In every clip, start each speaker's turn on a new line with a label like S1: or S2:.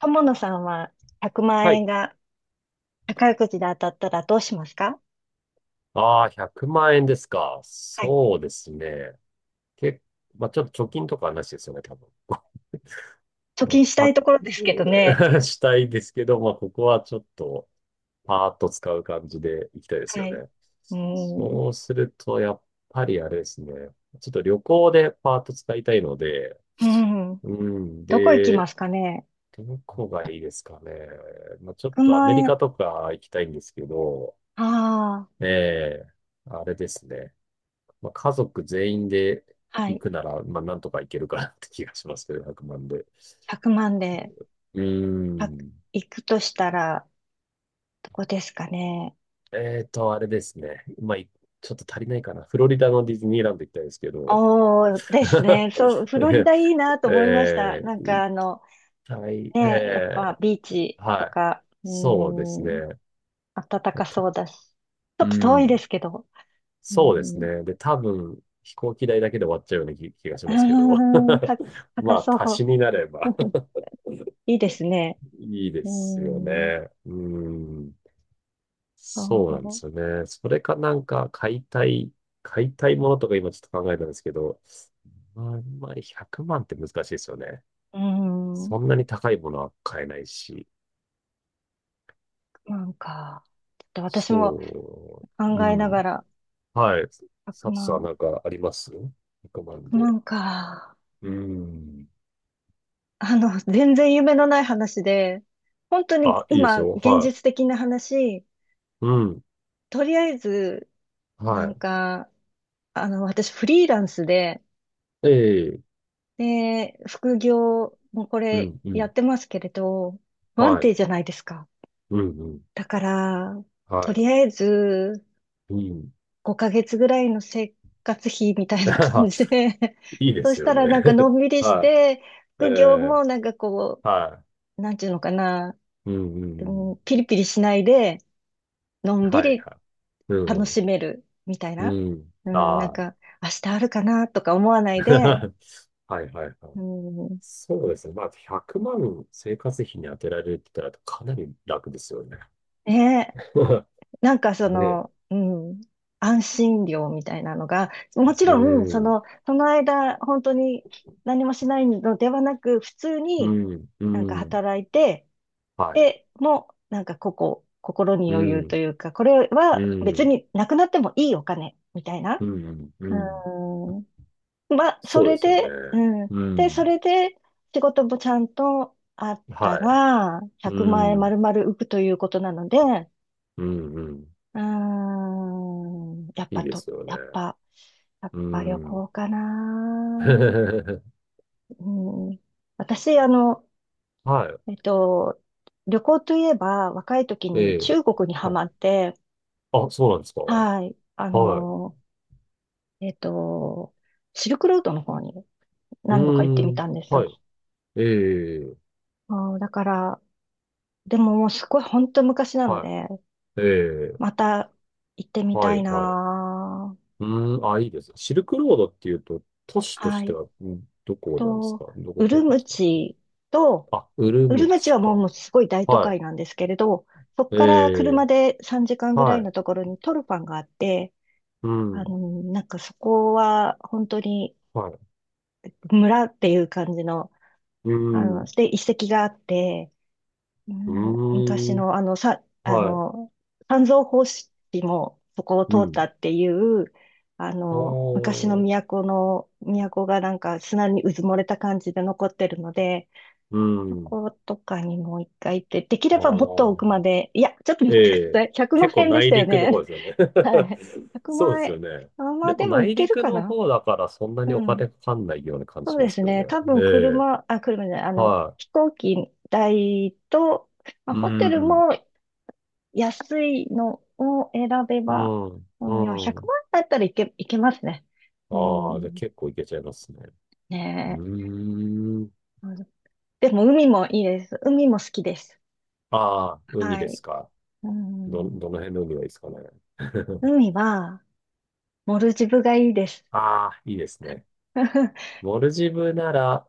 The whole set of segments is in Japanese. S1: 友野さんは100万
S2: はい。
S1: 円が宝くじで当たったらどうしますか？
S2: ああ、100万円ですか。
S1: はい。
S2: そうですね。け、まあ、ちょっと貯金とかはなしですよね、多分。
S1: 貯
S2: まあ、
S1: 金したい
S2: パ
S1: ところですけどね。
S2: ッ したいですけど、まあ、ここはちょっと、パーッと使う感じでいきたいです
S1: は
S2: よ
S1: い。
S2: ね。
S1: うーん。
S2: そうすると、やっぱりあれですね。ちょっと旅行でパーッと使いたいので、
S1: うん。
S2: うん。
S1: どこ行き
S2: で、
S1: ますかね？
S2: どこがいいですかね。まあ、ちょっ
S1: 100
S2: とアメ
S1: 万
S2: リカ
S1: 円。
S2: とか行きたいんですけど、
S1: ああ、
S2: ええあれですね。まあ、家族全員で
S1: は
S2: 行
S1: い。
S2: くなら、まあ、なんとか行けるかなって気がしますけど、100万で。
S1: 1万で、
S2: うー
S1: あ、
S2: ん。
S1: 行くとしたら、どこですかね。
S2: あれですね。まあ、ちょっと足りないかな。フロリダのディズニーランド行きたいですけど。
S1: おーですね。そう、フロリダいいなと思いました。なんか
S2: 行
S1: あ
S2: き
S1: の、
S2: たい。
S1: ね、やっぱ
S2: え
S1: ビーチ
S2: ー、
S1: と
S2: はい。
S1: か、
S2: そうですね。
S1: 暖
S2: ま
S1: か
S2: た
S1: そうだし。ちょ
S2: う
S1: っと遠いで
S2: ん。
S1: すけど。う
S2: そうです
S1: ーん。
S2: ね。で、多分、飛行機代だけで終わっちゃうような気が し
S1: あ
S2: ますけど。
S1: ーた、高
S2: ま
S1: そ
S2: あ、足し
S1: う。
S2: になれば
S1: いいですね。
S2: いいで
S1: うー
S2: すよ
S1: ん。
S2: ね。うん。そうなんです
S1: そ
S2: よね。それかなんか買いたいものとか今ちょっと考えたんですけど、まあ、あんまり100万って難しいですよね。
S1: う。うー
S2: そ
S1: ん。
S2: んなに高いものは買えないし。
S1: なんか、ちょっと私も
S2: そう。
S1: 考え
S2: う
S1: なが
S2: ん。
S1: ら、
S2: はい。
S1: 1
S2: 佐藤さん
S1: 万、1
S2: なんかあります？ 100 万で。
S1: 0か。
S2: うん。
S1: 全然夢のない話で、本当に
S2: あ、いいです
S1: 今、
S2: よ。
S1: 現
S2: はい。
S1: 実的な話、
S2: うん。
S1: とりあえず、なん
S2: は
S1: か、私フリーランスで、
S2: い。ええ。
S1: で、副業もこ
S2: う
S1: れ
S2: ん。う
S1: や
S2: ん。
S1: ってますけれど、不安
S2: はい。
S1: 定じゃないですか。
S2: うん。うん。
S1: だから、と
S2: は
S1: りあえず
S2: い。うん。
S1: 5ヶ月ぐらいの生活費みたいな感 じで、
S2: いい で
S1: そ
S2: す
S1: し
S2: よ
S1: たらな
S2: ね。
S1: んかのんび りし
S2: は
S1: て、
S2: い。え
S1: 副業
S2: え。
S1: もなんかこ
S2: はい。
S1: う、なんていうのかな、
S2: うんうんう
S1: う
S2: ん
S1: ん、ピリピリしないで、のんび
S2: はい
S1: り
S2: はい。う
S1: 楽
S2: ん。
S1: しめるみたい
S2: う
S1: な。
S2: ん。うん。
S1: うん、なん
S2: ああ。
S1: か、明日あるかなとか思わ ないで、
S2: はいはいはい。
S1: うん、
S2: そうですね。まあ、100万生活費に当てられるって言ったらかなり楽ですよね。
S1: ねえ。 なんかそ
S2: ねえ。
S1: の、うん、安心料みたいなのが、もち
S2: う
S1: ろん、そ
S2: ん。
S1: の、その間、本当に何もしないのではなく、普通
S2: う
S1: に
S2: ん。う
S1: なんか
S2: ん。
S1: 働いて、
S2: はい。
S1: で、もう、なんかここ、心に
S2: う
S1: 余裕と
S2: ん。
S1: いうか、これは
S2: う
S1: 別
S2: ん。
S1: になくなってもいいお金、みたいな。
S2: うん。うん。
S1: うん。まあ、そ
S2: そうで
S1: れ
S2: すよね。
S1: で、うん。
S2: う
S1: で、そ
S2: ん。
S1: れで、仕事もちゃんとあった
S2: はい。
S1: ら、
S2: う
S1: 100万円
S2: ん。
S1: 丸々浮くということなので、
S2: うん。うん。
S1: うーん。やっ
S2: いい
S1: ぱ
S2: で
S1: と、
S2: すよね。
S1: やっぱ、やっ
S2: う
S1: ぱ旅
S2: ん。
S1: 行かな。うん。私、
S2: は
S1: えっと、旅行といえば、若い時
S2: い。え
S1: に
S2: え。
S1: 中国にハ
S2: あ、
S1: マって、
S2: あ、そうなんですか。
S1: はい。
S2: はい
S1: えっと、シルクロードの方に
S2: う
S1: 何度か行って
S2: ー
S1: みた
S2: ん。
S1: んですよ。
S2: はい。ええ、
S1: あーだから、でももうすごい本当昔なの
S2: は
S1: で、
S2: い。ええ、
S1: また行ってみ
S2: は
S1: た
S2: い、
S1: い
S2: はい。
S1: なー。
S2: うーん。あ、いいです。シルクロードっていうと、都市とし
S1: は
S2: て
S1: い。
S2: は、どこなんです
S1: と、
S2: か？どこ
S1: ウ
S2: から
S1: ル
S2: 来るんで
S1: ム
S2: すか？
S1: チと、
S2: あ、ウル
S1: ウ
S2: ム
S1: ルムチ
S2: チ
S1: はもうも
S2: か。
S1: うすごい大都
S2: は
S1: 会なんですけれど、そこ
S2: い。
S1: から
S2: ええ、
S1: 車で3時間ぐらい
S2: はい。
S1: のところにトルファンがあって、
S2: う
S1: あ
S2: ん。
S1: の、なんかそこは本当に
S2: はい。
S1: 村っていう感じの、
S2: う
S1: あ
S2: ん。
S1: の、
S2: う
S1: で、遺跡があって、うん、昔
S2: ーん。
S1: のあの、さ、あ
S2: はい。
S1: の、三蔵法師もそこを
S2: う
S1: 通った
S2: ん。
S1: っていう、
S2: あ
S1: 昔の
S2: あ。
S1: 都がなんか砂にうずもれた感じで残ってるので、
S2: う
S1: そ
S2: ん。
S1: ことかにもう一回行って、できれ
S2: あ
S1: ばもっと奥ま
S2: あ。
S1: で、いや、ちょっと
S2: え
S1: 待ってくだ
S2: え、
S1: さい。100
S2: 結
S1: 万
S2: 構
S1: 円でし
S2: 内
S1: たよ
S2: 陸の方
S1: ね。
S2: ですよね。
S1: はい。100
S2: そうで
S1: 万
S2: すよ
S1: 円。
S2: ね。
S1: あ、ま
S2: で
S1: あ
S2: も
S1: でも行
S2: 内
S1: ける
S2: 陸
S1: か
S2: の
S1: な。
S2: 方だからそんな
S1: う
S2: にお
S1: ん。
S2: 金かかんないような感じ
S1: そう
S2: しま
S1: で
S2: す
S1: す
S2: けど
S1: ね。
S2: ね。
S1: 多
S2: え
S1: 分
S2: え、
S1: 車、あ、車じゃない、
S2: は
S1: 飛行機代と、まあ、
S2: い。う
S1: ホテル
S2: ん、
S1: も安いのを選べ
S2: う
S1: ば、
S2: ん、
S1: うん、いや、
S2: う
S1: 100
S2: ん。
S1: 万円だったらいけますね。う
S2: ああ、じゃあ
S1: ん。
S2: 結構いけちゃいますね。う
S1: ねえ。
S2: ーん。
S1: あのでも海もいいです。海も好きです。
S2: ああ、海
S1: は
S2: で
S1: い。
S2: すか。
S1: うん。
S2: どの辺の海がいいですかね。
S1: 海は、モルジブがいいです。
S2: ああ、いいですね。モルジブなら、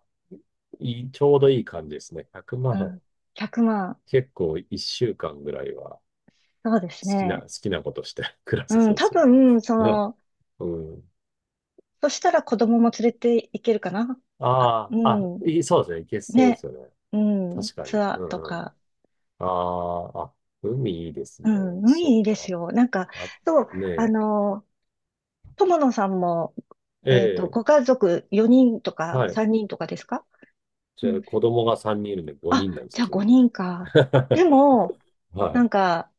S2: ちょうどいい感じですね。100
S1: う
S2: 万。
S1: ん。100万。
S2: 結構1週間ぐらいは。
S1: そうですね。
S2: 好きなことして 暮らせ
S1: う
S2: そ
S1: ん。
S2: うで
S1: 多
S2: すよ
S1: 分、そ
S2: ね。ね。
S1: の、
S2: うん。
S1: そしたら子供も連れて行けるかな。あ、
S2: ああ、あ、
S1: うん。
S2: いそうですね。いけそうです
S1: ね。
S2: よね。
S1: うん。
S2: 確か
S1: ツ
S2: に。
S1: ア
S2: う
S1: ーと
S2: んうん。
S1: か。
S2: ああ、あ、海いいですね。
S1: うん。
S2: そっ
S1: 海いいです
S2: か。
S1: よ。なんか、
S2: あ、
S1: そう、
S2: ね
S1: あ
S2: え。
S1: の、友野さんも、
S2: ええ、
S1: ご家族4人とか
S2: はい。
S1: 3人とかですか？
S2: じ
S1: う
S2: ゃあ、
S1: ん。
S2: 子供が3人いるんで5
S1: あ、
S2: 人なんです
S1: じ
S2: よ、
S1: ゃあ
S2: 全部。
S1: 5人か。で も、な
S2: は
S1: んか、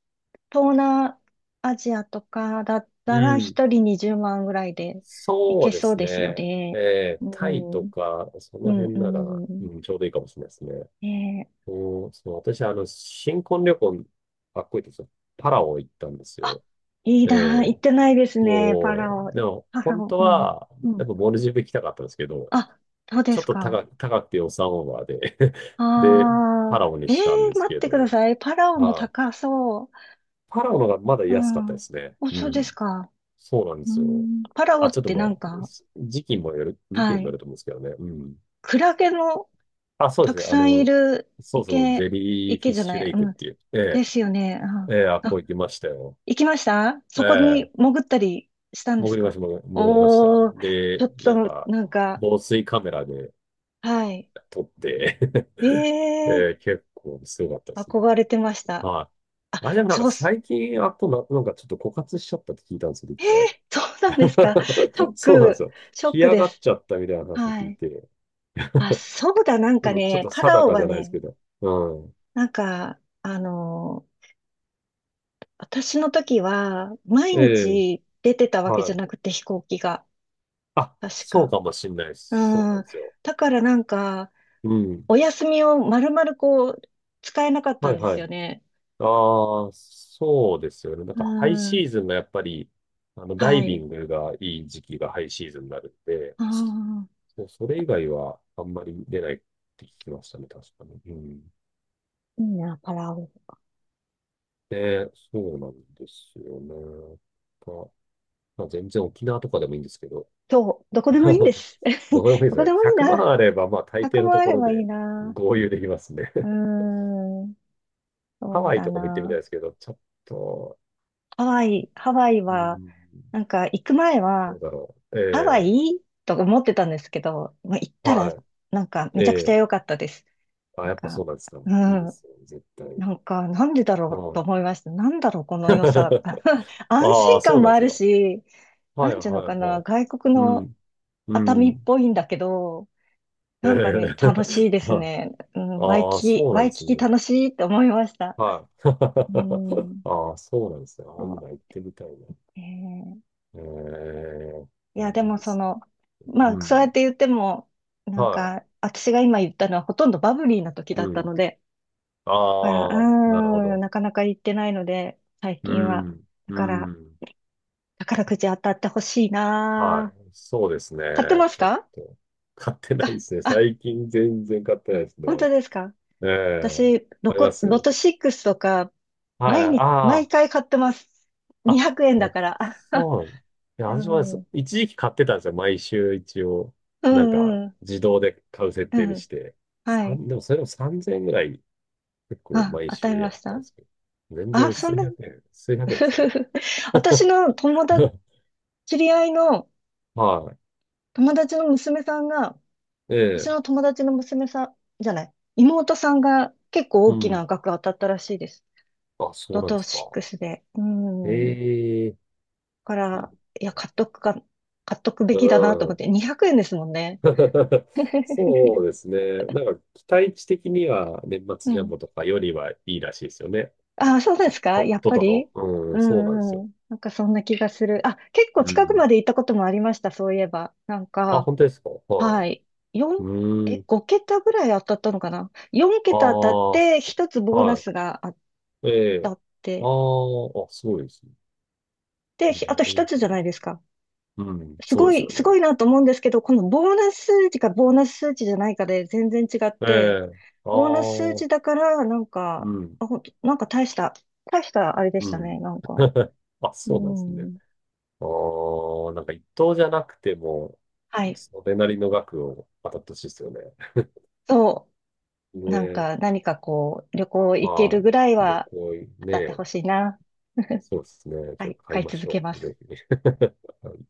S1: 東南アジアとかだっ
S2: い。う
S1: たら
S2: ん。
S1: 一人20万ぐらいでい
S2: そう
S1: け
S2: で
S1: そう
S2: す
S1: ですよ
S2: ね。え
S1: ね。
S2: え、
S1: う
S2: タイ
S1: ん、
S2: とか、そ
S1: う
S2: の
S1: ん、
S2: 辺なら、
S1: う
S2: う
S1: ん。
S2: ん、ちょうどいいかもしれないですね。
S1: ねえ。
S2: うん、そう、私、あの、新婚旅行、かっこいいですよ。パラオ行ったんです
S1: あ、
S2: よ。
S1: いい
S2: え
S1: な、行
S2: え
S1: ってないですね、パラ
S2: そ
S1: オ。
S2: う。でも、
S1: パラ
S2: 本
S1: オ、
S2: 当
S1: うん、
S2: は、
S1: う
S2: やっ
S1: ん。
S2: ぱモルジブ行きたかったんですけど、
S1: あ、そうで
S2: ちょっ
S1: す
S2: と
S1: か。
S2: 高くて予算オーバーで で、
S1: ああ、
S2: パラオに
S1: え
S2: したん
S1: え
S2: です
S1: 待っ
S2: け
S1: てくだ
S2: ど、
S1: さい。パラオも
S2: ああ、
S1: 高そ
S2: パラオの方がまだ
S1: う。う
S2: 安かったで
S1: ん。
S2: すね。
S1: お、
S2: う
S1: そうで
S2: ん。
S1: すか。
S2: そうなんで
S1: う
S2: すよ。
S1: ん、パラオ
S2: あ、
S1: っ
S2: ちょっと
S1: て
S2: ま
S1: な
S2: あ、
S1: んか、
S2: 時期
S1: は
S2: にもよ
S1: い。
S2: ると思うんですけどね。うん。
S1: クラゲの
S2: あ、そうで
S1: た
S2: す
S1: く
S2: ね。あ
S1: さんい
S2: の、
S1: る
S2: そうそう、ジ
S1: 池、
S2: ェリーフィ
S1: 池
S2: ッ
S1: じゃ
S2: シ
S1: な
S2: ュ
S1: い、
S2: レイク
S1: う
S2: っ
S1: ん。
S2: ていう。え
S1: で
S2: え
S1: すよね。うん。
S2: ええ、あ、こう
S1: あ、
S2: 行きましたよ。
S1: 行きました？
S2: え
S1: そこに
S2: え、
S1: 潜ったりしたんですか？
S2: 潜りました。
S1: おー、ちょ
S2: で、
S1: っ
S2: なん
S1: と、
S2: か、
S1: なんか、
S2: 防水カメラで
S1: はい。
S2: 撮って え
S1: ええ
S2: え、結構すごかったで
S1: ー
S2: すね。
S1: 憧れてました。
S2: は
S1: あ、
S2: い。あれでもなんか
S1: そうす、
S2: 最近、あとな、なんかちょっと枯渇しちゃったって聞いたんですよ、一回。
S1: そうなんですか。ショッ
S2: そうなんです
S1: ク、
S2: よ。
S1: ショッ
S2: 干
S1: ク
S2: 上
S1: で
S2: がっ
S1: す。
S2: ちゃったみたいな話を
S1: は
S2: 聞い
S1: い。
S2: て、
S1: あ、そうだ、なんか
S2: ちょっ
S1: ね、
S2: と
S1: パラ
S2: 定
S1: オ
S2: かじ
S1: は
S2: ゃないです
S1: ね、
S2: けど。うん。
S1: なんか、私の時は、毎
S2: ええ、
S1: 日出てたわけじ
S2: は
S1: ゃ
S2: い。
S1: なくて、飛行機が。
S2: あ、
S1: 確
S2: そう
S1: か。
S2: かもしんないです。そう
S1: う
S2: なん
S1: ん。
S2: ですよ。
S1: だからなんか、
S2: うん。
S1: お休みを丸々こう、使えなかった
S2: は
S1: ん
S2: い
S1: で
S2: はい。
S1: すよね。
S2: ああ、そうですよね。なん
S1: う
S2: かハイシ
S1: ん。
S2: ーズンがやっぱり、あの、ダ
S1: は
S2: イビ
S1: い。
S2: ングがいい時期がハイシーズンになるんで、
S1: ああ、
S2: そうそれ以外はあんまり出ないって聞きましたね、確かに。うん。
S1: いいな、パラオ。
S2: で、そうなんですよね。まあ、まあ全然沖縄とかでもいいんですけど、
S1: そう、どこでもいいんです。
S2: ど こでもいいで
S1: ど
S2: す
S1: こ
S2: よ
S1: で
S2: ね。
S1: もいい
S2: 100万
S1: な。
S2: あれば、まあ大
S1: 100
S2: 抵の
S1: も
S2: と
S1: あ
S2: こ
S1: れ
S2: ろ
S1: ばいい
S2: で
S1: な。
S2: 合流できますね。
S1: うー ん、
S2: ハ
S1: そう
S2: ワイ
S1: だ
S2: とかも行ってみた
S1: な。
S2: いですけど、ちょっと、
S1: ハワイ
S2: う
S1: は、
S2: ん、
S1: なんか行く前
S2: ど
S1: は、
S2: うだろう。
S1: ハワ
S2: ええ
S1: イと思ってたんですけど、まあ行ったら、なんかめ
S2: はい。
S1: ちゃくちゃ
S2: え
S1: 良
S2: え
S1: かったです。
S2: あ、
S1: なん
S2: やっぱそ
S1: か、
S2: うなんですか。
S1: う
S2: いいですよね、絶対。
S1: なんか、なんでだ
S2: う
S1: ろうと
S2: ん。
S1: 思いました。なんだろう、この良さ。安
S2: ああ、
S1: 心
S2: そう
S1: 感
S2: な
S1: も
S2: んで
S1: あ
S2: す
S1: る
S2: よ。
S1: し、
S2: は
S1: な
S2: い、
S1: ん
S2: は
S1: ていうの
S2: い、
S1: か
S2: は
S1: な、
S2: い。
S1: 外国
S2: う
S1: の
S2: ん、う
S1: 熱海っ
S2: ん。
S1: ぽいんだけど、
S2: え
S1: なんかね、
S2: え
S1: 楽しいで す
S2: はい
S1: ね。うん、
S2: ああ、そうな
S1: ワ
S2: んで
S1: イ
S2: す
S1: キキ
S2: ね。
S1: 楽しいって思いました。
S2: は
S1: う
S2: い。
S1: ん。
S2: ああ、そうなんですね。あ
S1: そ
S2: あ、
S1: う。
S2: 今行ってみたいな。
S1: えー
S2: ええ
S1: い
S2: いや
S1: や、で
S2: いい
S1: も
S2: で
S1: そ
S2: す
S1: の、
S2: ね。
S1: まあ、
S2: う
S1: そうや
S2: ん。
S1: って言っても、なん
S2: は
S1: か、私が今言ったのはほとんどバブリーな時
S2: い。
S1: だっ
S2: う
S1: た
S2: ん。
S1: ので、だから
S2: ああ、なるほど。
S1: なかなか行ってないので、最
S2: う
S1: 近は。
S2: ん。
S1: だ
S2: う
S1: から、
S2: ん。
S1: 宝くじ当たってほしい
S2: は
S1: なぁ。
S2: い。そうですね。
S1: 買ってます
S2: ちょっ
S1: か？
S2: と。買ってな
S1: か
S2: いですね。
S1: あ、
S2: 最近全然買ってないです
S1: 本当
S2: ね。
S1: ですか？
S2: ええ、
S1: 私、
S2: あります
S1: ロト6とか、
S2: は
S1: 毎
S2: い。
S1: 日、毎
S2: あ、
S1: 回買ってます。
S2: あ、あ、
S1: 200円だ
S2: ま
S1: から。
S2: そう。いや、
S1: う
S2: 私もで
S1: ん、う
S2: す
S1: ん、
S2: 一時期買ってたんですよ。毎週一応。
S1: う
S2: なんか、
S1: ん、
S2: 自動で買う設
S1: う
S2: 定に
S1: ん。
S2: して。
S1: はい。
S2: もそれでも3000円ぐらい結構
S1: あ、
S2: 毎
S1: 当た
S2: 週
S1: り
S2: や
S1: ま
S2: っ
S1: し
S2: たん
S1: た？
S2: ですけど。全
S1: あ、
S2: 然
S1: そん
S2: 数
S1: な、
S2: 百円、数百円ですよね。
S1: 私の 友達、知り合いの
S2: は
S1: 友達の娘さんが、
S2: い。え
S1: 私
S2: え、
S1: の友達の娘さんじゃない、妹さんが結構
S2: う
S1: 大き
S2: ん。
S1: な額当たったらしいです。
S2: あ、そう
S1: ロ
S2: なんで
S1: ト
S2: すか。
S1: シックスで。うん。だ
S2: ええ、
S1: か
S2: う
S1: ら、
S2: ん。
S1: いや、買っとくか、買っとくべきだなと思って、200円ですもんね。
S2: そ うですね。なんか期待値的には年末
S1: う
S2: ジャン
S1: ん。
S2: ボとかよりはいいらしいですよね。
S1: ああ、そうですか、
S2: と、
S1: やっ
S2: と
S1: ぱ
S2: との。
S1: り？
S2: う
S1: う
S2: ん、そうなんです
S1: ん
S2: よ。
S1: うん。なんかそんな気がする。あ、結構
S2: う
S1: 近く
S2: ん。
S1: まで行ったこともありました、そういえば。なん
S2: あ、
S1: か、
S2: 本当ですかは
S1: は
S2: い。
S1: い。
S2: う
S1: 四
S2: ーん。
S1: 5桁ぐらい当たったのかな？ 4
S2: ああ、
S1: 桁当たって、1つボーナ
S2: は
S1: スが当
S2: い。え
S1: た
S2: え。
S1: っ
S2: あ
S1: て、
S2: あ、あ、すごいですね。
S1: で、
S2: なる
S1: あと1つじ
S2: ほ
S1: ゃない
S2: ど。
S1: ですか。
S2: うん、
S1: す
S2: そう
S1: ご
S2: です
S1: い、
S2: よ
S1: す
S2: ね。
S1: ごいなと思うんですけど、このボーナス数値かボーナス数値じゃないかで全然違っ
S2: え
S1: て、
S2: え。あ
S1: ボーナス数
S2: あ、
S1: 値だから、なん
S2: う
S1: か、
S2: ん、
S1: あ、ほんと、なんか大した、大したあれでし
S2: う
S1: たね、
S2: ん。
S1: なんか。
S2: あ、
S1: う
S2: そうなんですね。
S1: ん。
S2: ああ、なんか一等じゃなくても、
S1: はい。
S2: それなりの額を当たってほしいですよね。
S1: そう。なん
S2: ね、
S1: か、何かこう、旅行行ける
S2: は
S1: ぐらい
S2: い。旅
S1: は
S2: 行、
S1: 当たって
S2: ね、
S1: ほしいな。
S2: そうですね。
S1: は
S2: ちょっ
S1: い、
S2: と買い
S1: 買い
S2: ま
S1: 続
S2: し
S1: け
S2: ょ
S1: ま
S2: う。
S1: す。
S2: ぜひ。